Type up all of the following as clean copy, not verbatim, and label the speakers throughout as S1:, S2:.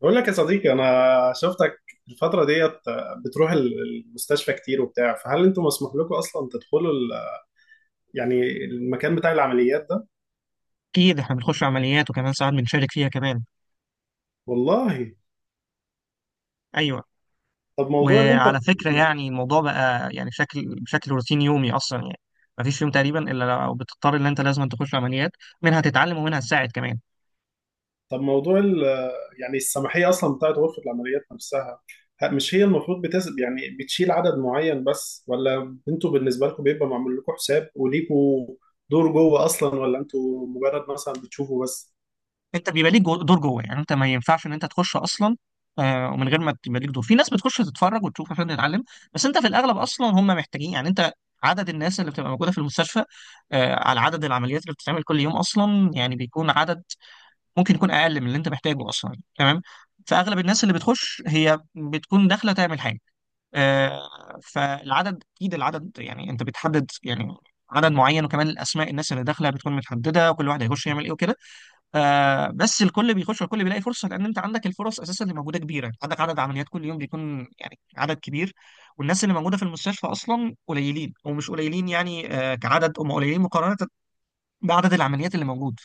S1: بقول لك يا صديقي، انا شفتك الفتره ديت بتروح المستشفى كتير وبتاع. فهل انتم مسموح لكم اصلا تدخلوا يعني المكان بتاع العمليات ده؟
S2: اكيد احنا بنخش عمليات وكمان ساعات بنشارك فيها كمان.
S1: والله.
S2: ايوه.
S1: طب موضوع اللي انت.
S2: وعلى فكره يعني الموضوع بقى يعني بشكل روتين يومي اصلا يعني مفيش يوم تقريبا الا لو بتضطر ان انت لازم تخش عمليات، منها تتعلم ومنها تساعد كمان.
S1: طب موضوع يعني السماحيه اصلا بتاعت غرفه العمليات نفسها، مش هي المفروض بتسب يعني بتشيل عدد معين بس، ولا انتوا بالنسبه لكم بيبقى معمول لكم حساب وليكوا دور جوه اصلا، ولا انتوا مجرد مثلا بتشوفوا بس؟
S2: انت بيبقى ليك دور جوه، يعني انت ما ينفعش ان انت تخش اصلا. ومن غير ما تبقى ليك دور في ناس بتخش تتفرج وتشوف عشان تتعلم، بس انت في الاغلب اصلا هم محتاجين يعني انت، عدد الناس اللي بتبقى موجوده في المستشفى على عدد العمليات اللي بتتعمل كل يوم اصلا يعني بيكون عدد ممكن يكون اقل من اللي انت محتاجه اصلا، تمام. فاغلب الناس اللي بتخش هي بتكون داخله تعمل حاجه. فالعدد اكيد العدد يعني انت بتحدد يعني عدد معين، وكمان الاسماء، الناس اللي داخله بتكون متحدده وكل واحد هيخش يعمل ايه وكده. بس الكل بيخش والكل بيلاقي فرصه، لان انت عندك الفرص اساسا اللي موجوده كبيره، عندك عدد عمليات كل يوم بيكون يعني عدد كبير، والناس اللي موجوده في المستشفى اصلا قليلين، ومش قليلين يعني، كعدد هم قليلين مقارنه بعدد العمليات اللي موجود.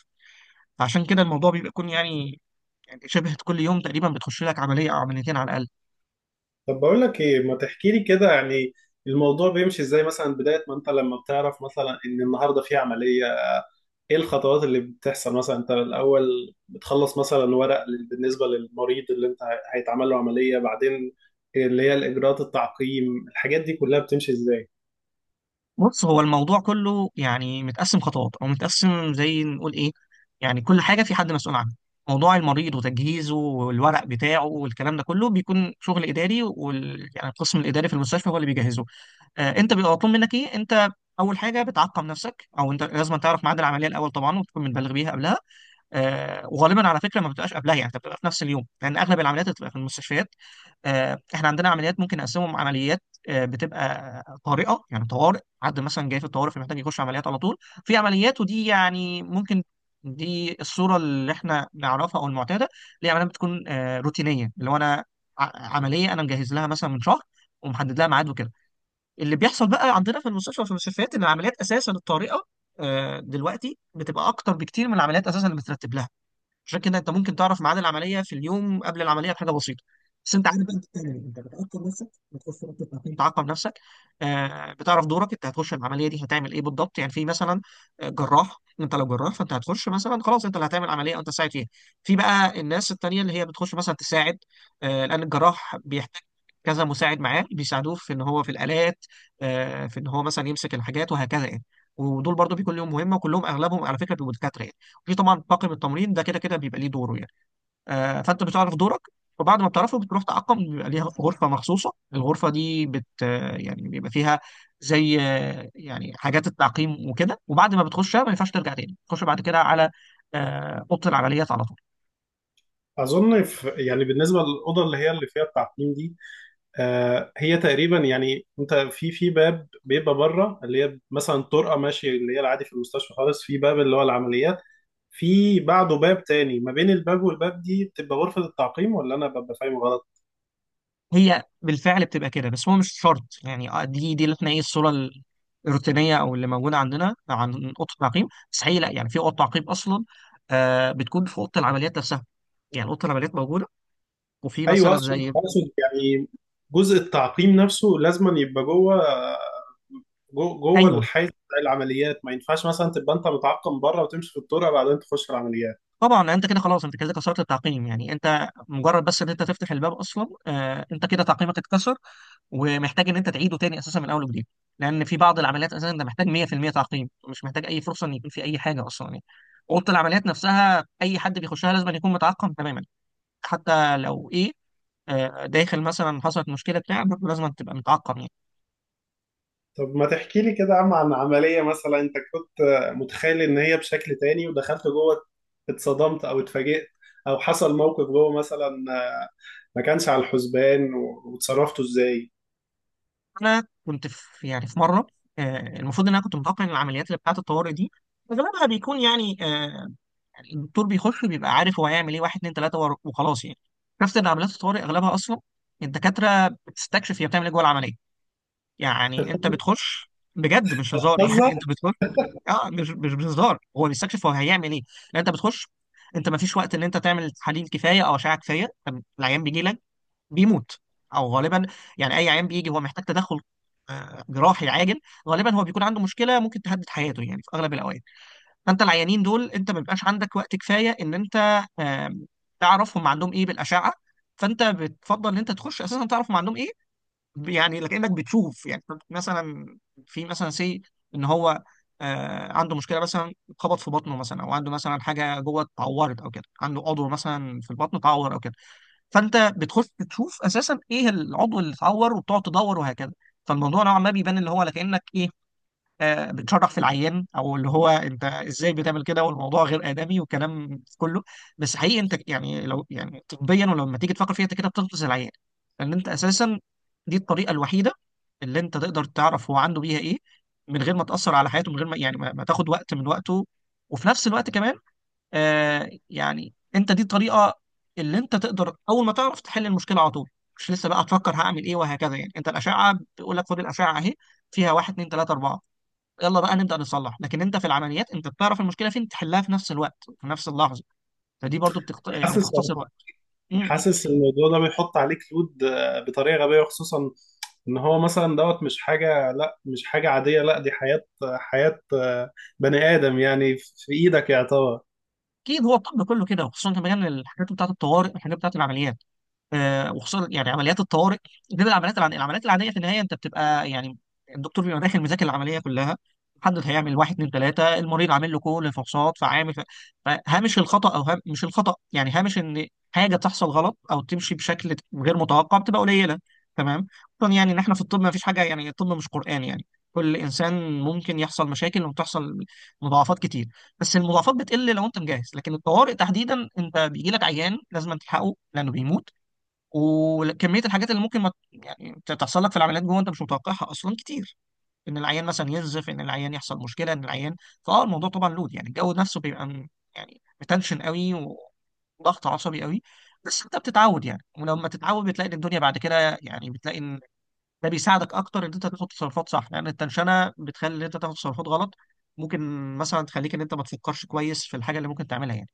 S2: عشان كده الموضوع بيبقى يكون يعني شبه كل يوم تقريبا بتخش لك عمليه او عمليتين على الاقل.
S1: طب بقول لك ايه، ما تحكي لي كده يعني الموضوع بيمشي ازاي؟ مثلا بداية ما انت لما بتعرف مثلا ان النهارده في عملية، ايه الخطوات اللي بتحصل؟ مثلا انت الاول بتخلص مثلا ورق بالنسبة للمريض اللي هيتعمل له عملية، بعدين اللي هي الاجراءات، التعقيم، الحاجات دي كلها بتمشي ازاي؟
S2: بص هو الموضوع كله يعني متقسم خطوات، او متقسم زي نقول ايه، يعني كل حاجه في حد مسؤول عنها. موضوع المريض وتجهيزه والورق بتاعه والكلام ده كله بيكون شغل اداري، يعني القسم الاداري في المستشفى هو اللي بيجهزه. انت بيبقى مطلوب منك ايه، انت اول حاجه بتعقم نفسك، او انت لازم تعرف ميعاد العمليه الاول طبعا وتكون متبلغ بيها قبلها. وغالبا على فكره ما بتبقاش قبلها، يعني انت بتبقى في نفس اليوم، لان اغلب العمليات بتبقى في المستشفيات. احنا عندنا عمليات ممكن نقسمهم عمليات بتبقى طارئه، يعني طوارئ، حد مثلا جاي في الطوارئ فمحتاج يخش عمليات على طول. في عمليات ودي يعني ممكن، دي الصوره اللي احنا نعرفها او المعتاده، اللي هي عمليات بتكون روتينيه، اللي هو انا عمليه انا مجهز لها مثلا من شهر ومحدد لها ميعاد وكده. اللي بيحصل بقى عندنا في المستشفى وفي المستشفيات ان العمليات اساسا الطارئه دلوقتي بتبقى اكتر بكتير من العمليات اساسا اللي مترتب لها. عشان كده انت ممكن تعرف ميعاد العمليه في اليوم قبل العمليه بحاجه بسيطه. بس انت عارف بقى انت بتعمل ايه، انت بتعقم نفسك، بتخش رابطه تعقيم تعقم نفسك. بتعرف دورك، انت هتخش العمليه دي هتعمل ايه بالضبط، يعني في مثلا جراح، انت لو جراح فانت هتخش مثلا خلاص انت اللي هتعمل عمليه، او انت تساعد فيها. في بقى الناس التانيه اللي هي بتخش مثلا تساعد، لان الجراح بيحتاج كذا مساعد معاه، بيساعدوه في ان هو في الالات، في ان هو مثلا يمسك الحاجات وهكذا يعني. ودول برضو بيكون ليهم مهمه، وكلهم اغلبهم على فكره بيبقوا دكاتره يعني. في طبعا طاقم التمرين ده كده كده بيبقى ليه دوره يعني. فانت بتعرف دورك، وبعد ما بتعرفه بتروح تعقم، بيبقى ليها غرفه مخصوصه، الغرفه دي بت آه، يعني بيبقى فيها زي يعني حاجات التعقيم وكده. وبعد ما بتخشها ما ينفعش ترجع تاني تخش بعد كده على اوضه العمليات على طول.
S1: اظن في يعني بالنسبة للأوضة اللي هي اللي فيها التعقيم دي، آه، هي تقريبا يعني انت في باب بيبقى بره اللي هي مثلا طرقة ماشية اللي هي العادي في المستشفى خالص، في باب اللي هو العمليات، في بعده باب تاني، ما بين الباب والباب دي بتبقى غرفة التعقيم، ولا أنا ببقى فاهم غلط؟
S2: هي بالفعل بتبقى كده، بس هو مش شرط يعني، دي اللي احنا ايه الصوره الروتينيه او اللي موجوده عندنا عن اوضه التعقيم، بس هي لا، يعني في اوضه تعقيم اصلا بتكون في اوضه العمليات نفسها، يعني اوضه العمليات موجوده وفي
S1: أيوه،
S2: مثلا
S1: أقصد
S2: زي.
S1: أقصد يعني جزء التعقيم نفسه لازما يبقى جوه، جوه
S2: ايوه
S1: الحيز بتاع العمليات، ما ينفعش مثلا تبقى أنت متعقم بره وتمشي في الطرق بعدين تخش العمليات.
S2: طبعا، انت كده خلاص انت كده كسرت التعقيم، يعني انت مجرد بس ان انت تفتح الباب اصلا انت كده تعقيمك اتكسر، ومحتاج ان انت تعيده تاني اساسا من اول وجديد. لان في بعض العمليات اساسا انت محتاج 100% تعقيم، مش محتاج اي فرصه ان يكون في اي حاجه اصلا يعني. اوضه العمليات نفسها اي حد بيخشها لازم أن يكون متعقم تماما، حتى لو ايه داخل مثلا حصلت مشكله بتاع برضه لازم تبقى متعقم.
S1: طب ما تحكي لي كده يا عم عن عملية مثلا أنت كنت متخيل إن هي بشكل تاني، ودخلت جوه اتصدمت أو اتفاجئت، أو حصل موقف جوه مثلا ما كانش على الحسبان، واتصرفتوا إزاي؟
S2: انا كنت في يعني في مره، المفروض ان انا كنت متوقع ان العمليات اللي بتاعه الطوارئ دي اغلبها بيكون يعني الدكتور بيخش بيبقى عارف هو هيعمل ايه، واحد اتنين تلاته وخلاص يعني. عرفت ان عمليات الطوارئ اغلبها اصلا الدكاتره بتستكشف هي بتعمل ايه جوه العمليه، يعني انت بتخش بجد مش هزار
S1: بتهزر؟
S2: يعني انت بتخش. اه مش بهزار، هو بيستكشف هو هيعمل ايه، لان انت بتخش، انت ما فيش وقت ان انت تعمل تحاليل كفايه او اشعه كفايه، العيان بيجي لك بيموت او غالبا، يعني اي عيان بيجي هو محتاج تدخل جراحي عاجل، غالبا هو بيكون عنده مشكله ممكن تهدد حياته يعني في اغلب الاوقات. فانت العيانين دول انت ما بيبقاش عندك وقت كفايه ان انت آم، تعرف هم عندهم ايه بالاشعه، فانت بتفضل ان انت تخش اساسا تعرف هم عندهم ايه، يعني لكنك بتشوف يعني مثلا، في مثلا سي ان هو عنده مشكله مثلا، خبط في بطنه مثلا، او عنده مثلا حاجه جوه اتعورت او كده، عنده عضو مثلا في البطن اتعور او كده، فانت بتخش تشوف اساسا ايه العضو اللي اتعور، وبتقعد تدور وهكذا. فالموضوع نوعا ما بيبان اللي هو كانك ايه بتشرح في العيان، او اللي هو انت ازاي بتعمل كده والموضوع غير ادمي وكلام كله. بس حقيقي انت يعني لو يعني طبيا ولما تيجي تفكر فيها انت كده بتغطس العيان، لان انت اساسا دي الطريقه الوحيده اللي انت تقدر تعرف هو عنده بيها ايه من غير ما تاثر على حياته، من غير ما يعني ما تاخد وقت من وقته، وفي نفس الوقت كمان يعني انت دي الطريقه اللي انت تقدر اول ما تعرف تحل المشكله على طول، مش لسه بقى تفكر هعمل ايه وهكذا يعني. انت الاشعه بيقول لك خد الاشعه اهي، فيها واحد اتنين تلاته اربعه، يلا بقى نبدا نصلح. لكن انت في العمليات انت بتعرف المشكله فين، تحلها في نفس الوقت في نفس اللحظه، فدي برضو يعني
S1: حاسس،
S2: بتختصر وقت. م- م.
S1: حاسس الموضوع ده بيحط عليك لود آه، بطريقه غبيه، خصوصا ان هو مثلا دوت، مش حاجه، لا مش حاجه عاديه، لا دي حياه، حياه آه، بني ادم يعني في ايدك يعتبر.
S2: اكيد هو الطب كله كده، وخصوصا كمان الحاجات بتاعت الطوارئ، الحاجات بتاعت العمليات، وخصوصا يعني عمليات الطوارئ، غير العمليات العاديه. العمليات العاديه في النهايه انت بتبقى يعني الدكتور بيبقى داخل مذاكر العمليه كلها، محدد هيعمل واحد اتنين تلاته، المريض عامل له كل الفحوصات فعامل فهامش الخطا، او مش الخطا يعني هامش ان حاجه تحصل غلط او تمشي بشكل غير متوقع بتبقى قليله. تمام، خصوصا يعني ان احنا في الطب ما فيش حاجه يعني، الطب مش قران يعني، كل انسان ممكن يحصل مشاكل وتحصل مضاعفات كتير، بس المضاعفات بتقل لو انت مجهز. لكن الطوارئ تحديدا انت بيجي لك عيان لازم تلحقه لانه بيموت، وكميه الحاجات اللي ممكن ما يعني تحصل لك في العمليات جوه انت مش متوقعها اصلا كتير، ان العيان مثلا ينزف، ان العيان يحصل مشكله، ان العيان، فاه الموضوع طبعا لود، يعني الجو نفسه بيبقى يعني متنشن قوي وضغط عصبي قوي. بس انت بتتعود يعني، ولما تتعود بتلاقي ان الدنيا بعد كده، يعني بتلاقي ان ده بيساعدك اكتر ان انت تاخد تصرفات صح، لان التنشنه بتخلي ان انت تاخد تصرفات غلط، ممكن مثلا تخليك ان انت ما تفكرش كويس في الحاجه اللي ممكن تعملها يعني.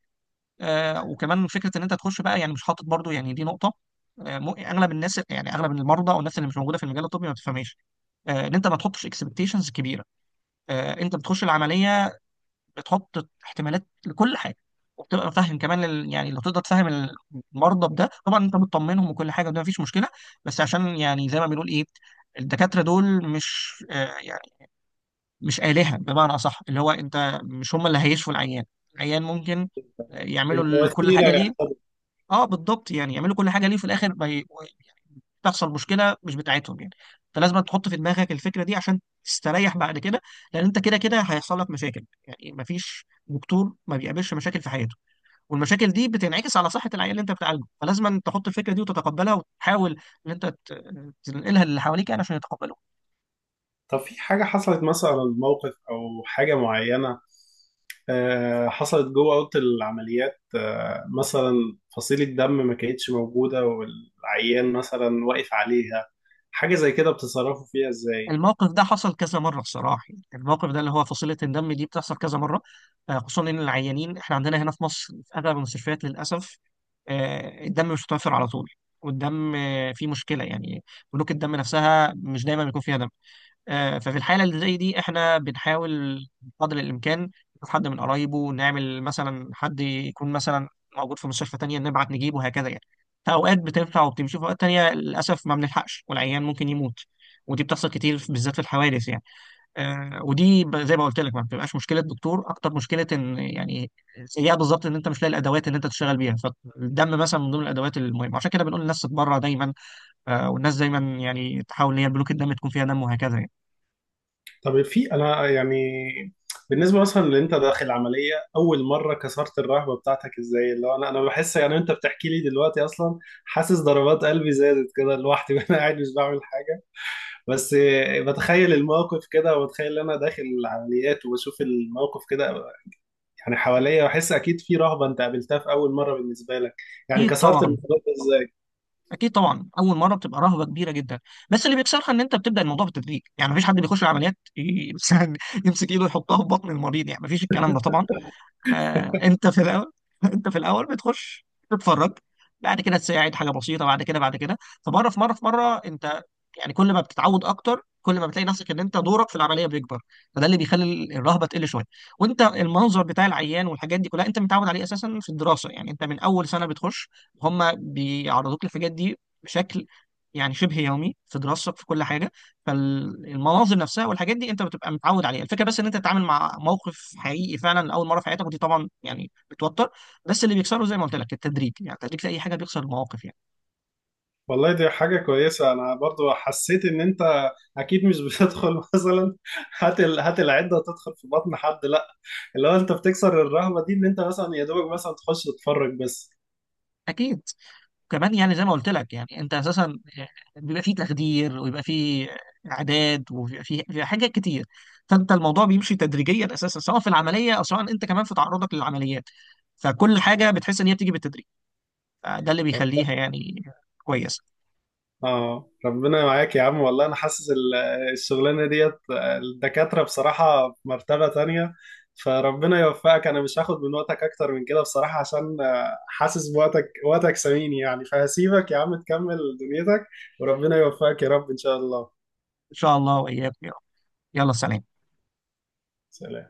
S2: وكمان فكره ان انت تخش بقى يعني مش حاطط برضو، يعني دي نقطه اغلب الناس، يعني اغلب المرضى او الناس اللي مش موجوده في المجال الطبي ما بتفهمش ان انت ما تحطش اكسبكتيشنز كبيره. انت بتخش العمليه بتحط احتمالات لكل حاجه، وبتبقى فاهم كمان يعني لو تقدر تفهم المرضى بده طبعا انت بتطمنهم وكل حاجه وده مفيش مشكله. بس عشان يعني زي ما بنقول ايه، الدكاتره دول مش يعني مش آلهة بمعنى اصح، اللي هو انت مش، هم اللي هيشفوا العيان، العيان ممكن يعملوا
S1: انت
S2: كل
S1: وسيله
S2: حاجه ليه.
S1: يعتبر.
S2: اه بالضبط، يعني يعملوا كل حاجه ليه في الاخر ما تحصل مشكله مش بتاعتهم يعني. فلازم تحط في دماغك الفكره دي عشان تستريح بعد كده، لان انت كده كده هيحصل لك مشاكل يعني، ما فيش دكتور ما بيقابلش مشاكل في حياته، والمشاكل دي بتنعكس على صحه العيان اللي انت بتعالجه، فلازم تحط الفكره دي وتتقبلها وتحاول ان انت تنقلها للي حواليك يعني عشان يتقبلوا.
S1: طب في حاجه حصلت مثلا، موقف او حاجه معينه آه، حصلت جوه اوضه العمليات، آه، مثلا فصيله دم ما كانتش موجوده والعيان مثلا واقف عليها، حاجه زي كده بتتصرفوا فيها ازاي؟
S2: الموقف ده حصل كذا مره بصراحه، يعني الموقف ده اللي هو فصيله الدم دي بتحصل كذا مره، خصوصا ان العيانين احنا عندنا هنا في مصر في اغلب المستشفيات للاسف الدم مش متوفر على طول. والدم فيه مشكله يعني، بنوك الدم نفسها مش دايما بيكون فيها دم. ففي الحالة اللي زي دي احنا بنحاول قدر الإمكان نشوف حد من قرايبه، نعمل مثلا حد يكون مثلا موجود في مستشفى تانية نبعت نجيبه وهكذا يعني. فأوقات بتنفع وبتمشي، في أوقات تانية للأسف ما بنلحقش والعيان ممكن يموت، ودي بتحصل كتير بالذات في الحوادث يعني. ودي زي ما قلت لك ما بتبقاش مشكلة دكتور أكتر مشكلة إن يعني سيئة بالظبط، إن أنت مش لاقي الأدوات اللي أنت تشتغل بيها، فالدم مثلا من ضمن الأدوات المهمة، عشان كده بنقول للناس تتبرع دايما، والناس دايما يعني تحاول إن هي البنوك الدم تكون فيها دم وهكذا يعني.
S1: طب في انا يعني بالنسبه مثلا اللي انت داخل عمليه اول مره، كسرت الرهبه بتاعتك ازاي؟ اللي هو انا بحس يعني انت بتحكي لي دلوقتي اصلا، حاسس ضربات قلبي زادت كده لوحدي وانا قاعد مش بعمل حاجه، بس بتخيل الموقف كده، وبتخيل ان انا داخل العمليات وبشوف الموقف كده يعني حواليا، بحس اكيد في رهبه انت قابلتها في اول مره بالنسبه لك، يعني
S2: اكيد
S1: كسرت
S2: طبعا.
S1: الموضوع ده ازاي؟
S2: اكيد طبعا اول مره بتبقى رهبه كبيره جدا، بس اللي بيكسرها ان انت بتبدا الموضوع بالتدريج، يعني مفيش حد بيخش العمليات مثلا يمسك ايده يحطها في بطن المريض، يعني مفيش الكلام ده طبعا. انت في الاول انت في الاول بتخش تتفرج، بعد كده تساعد حاجه بسيطه، بعد كده بعد كده، فمره في مره في مره انت يعني كل ما بتتعود اكتر كل ما بتلاقي نفسك ان انت دورك في العمليه بيكبر، فده اللي بيخلي الرهبه تقل شويه. وانت المنظر بتاع العيان والحاجات دي كلها انت متعود عليه اساسا في الدراسه، يعني انت من اول سنه بتخش هم بيعرضوك للحاجات دي بشكل يعني شبه يومي في دراستك في كل حاجه، فالمناظر نفسها والحاجات دي انت بتبقى متعود عليها. الفكره بس ان انت تتعامل مع موقف حقيقي فعلا لاول مره في حياتك، ودي طبعا يعني بتوتر، بس اللي بيكسره زي ما قلت لك التدريج، يعني التدريج في اي حاجه بيكسر المواقف يعني.
S1: والله دي حاجة كويسة، أنا برضو حسيت إن أنت أكيد مش بتدخل مثلا هات هات العدة وتدخل في بطن حد، لأ، اللي هو أنت بتكسر الرهبة دي إن أنت مثلا يا دوبك مثلا تخش تتفرج بس.
S2: اكيد، كمان يعني زي ما قلت لك يعني انت اساسا بيبقى فيه تخدير، ويبقى فيه اعداد، وبيبقى فيه حاجات كتير. فانت الموضوع بيمشي تدريجيا اساسا، سواء في العمليه او سواء انت كمان في تعرضك للعمليات، فكل حاجه بتحس ان هي بتيجي بالتدريج، فده اللي بيخليها يعني كويسه.
S1: آه ربنا معاك يا عم، والله أنا حاسس الشغلانة ديت الدكاترة بصراحة في مرتبة تانية، فربنا يوفقك. أنا مش هاخد من وقتك أكتر من كده بصراحة، عشان آه، حاسس بوقتك، وقتك ثمين يعني، فهسيبك يا عم تكمل دنيتك، وربنا يوفقك يا رب إن شاء الله.
S2: ان شاء الله واياك يا رب. يلا سلام.
S1: سلام.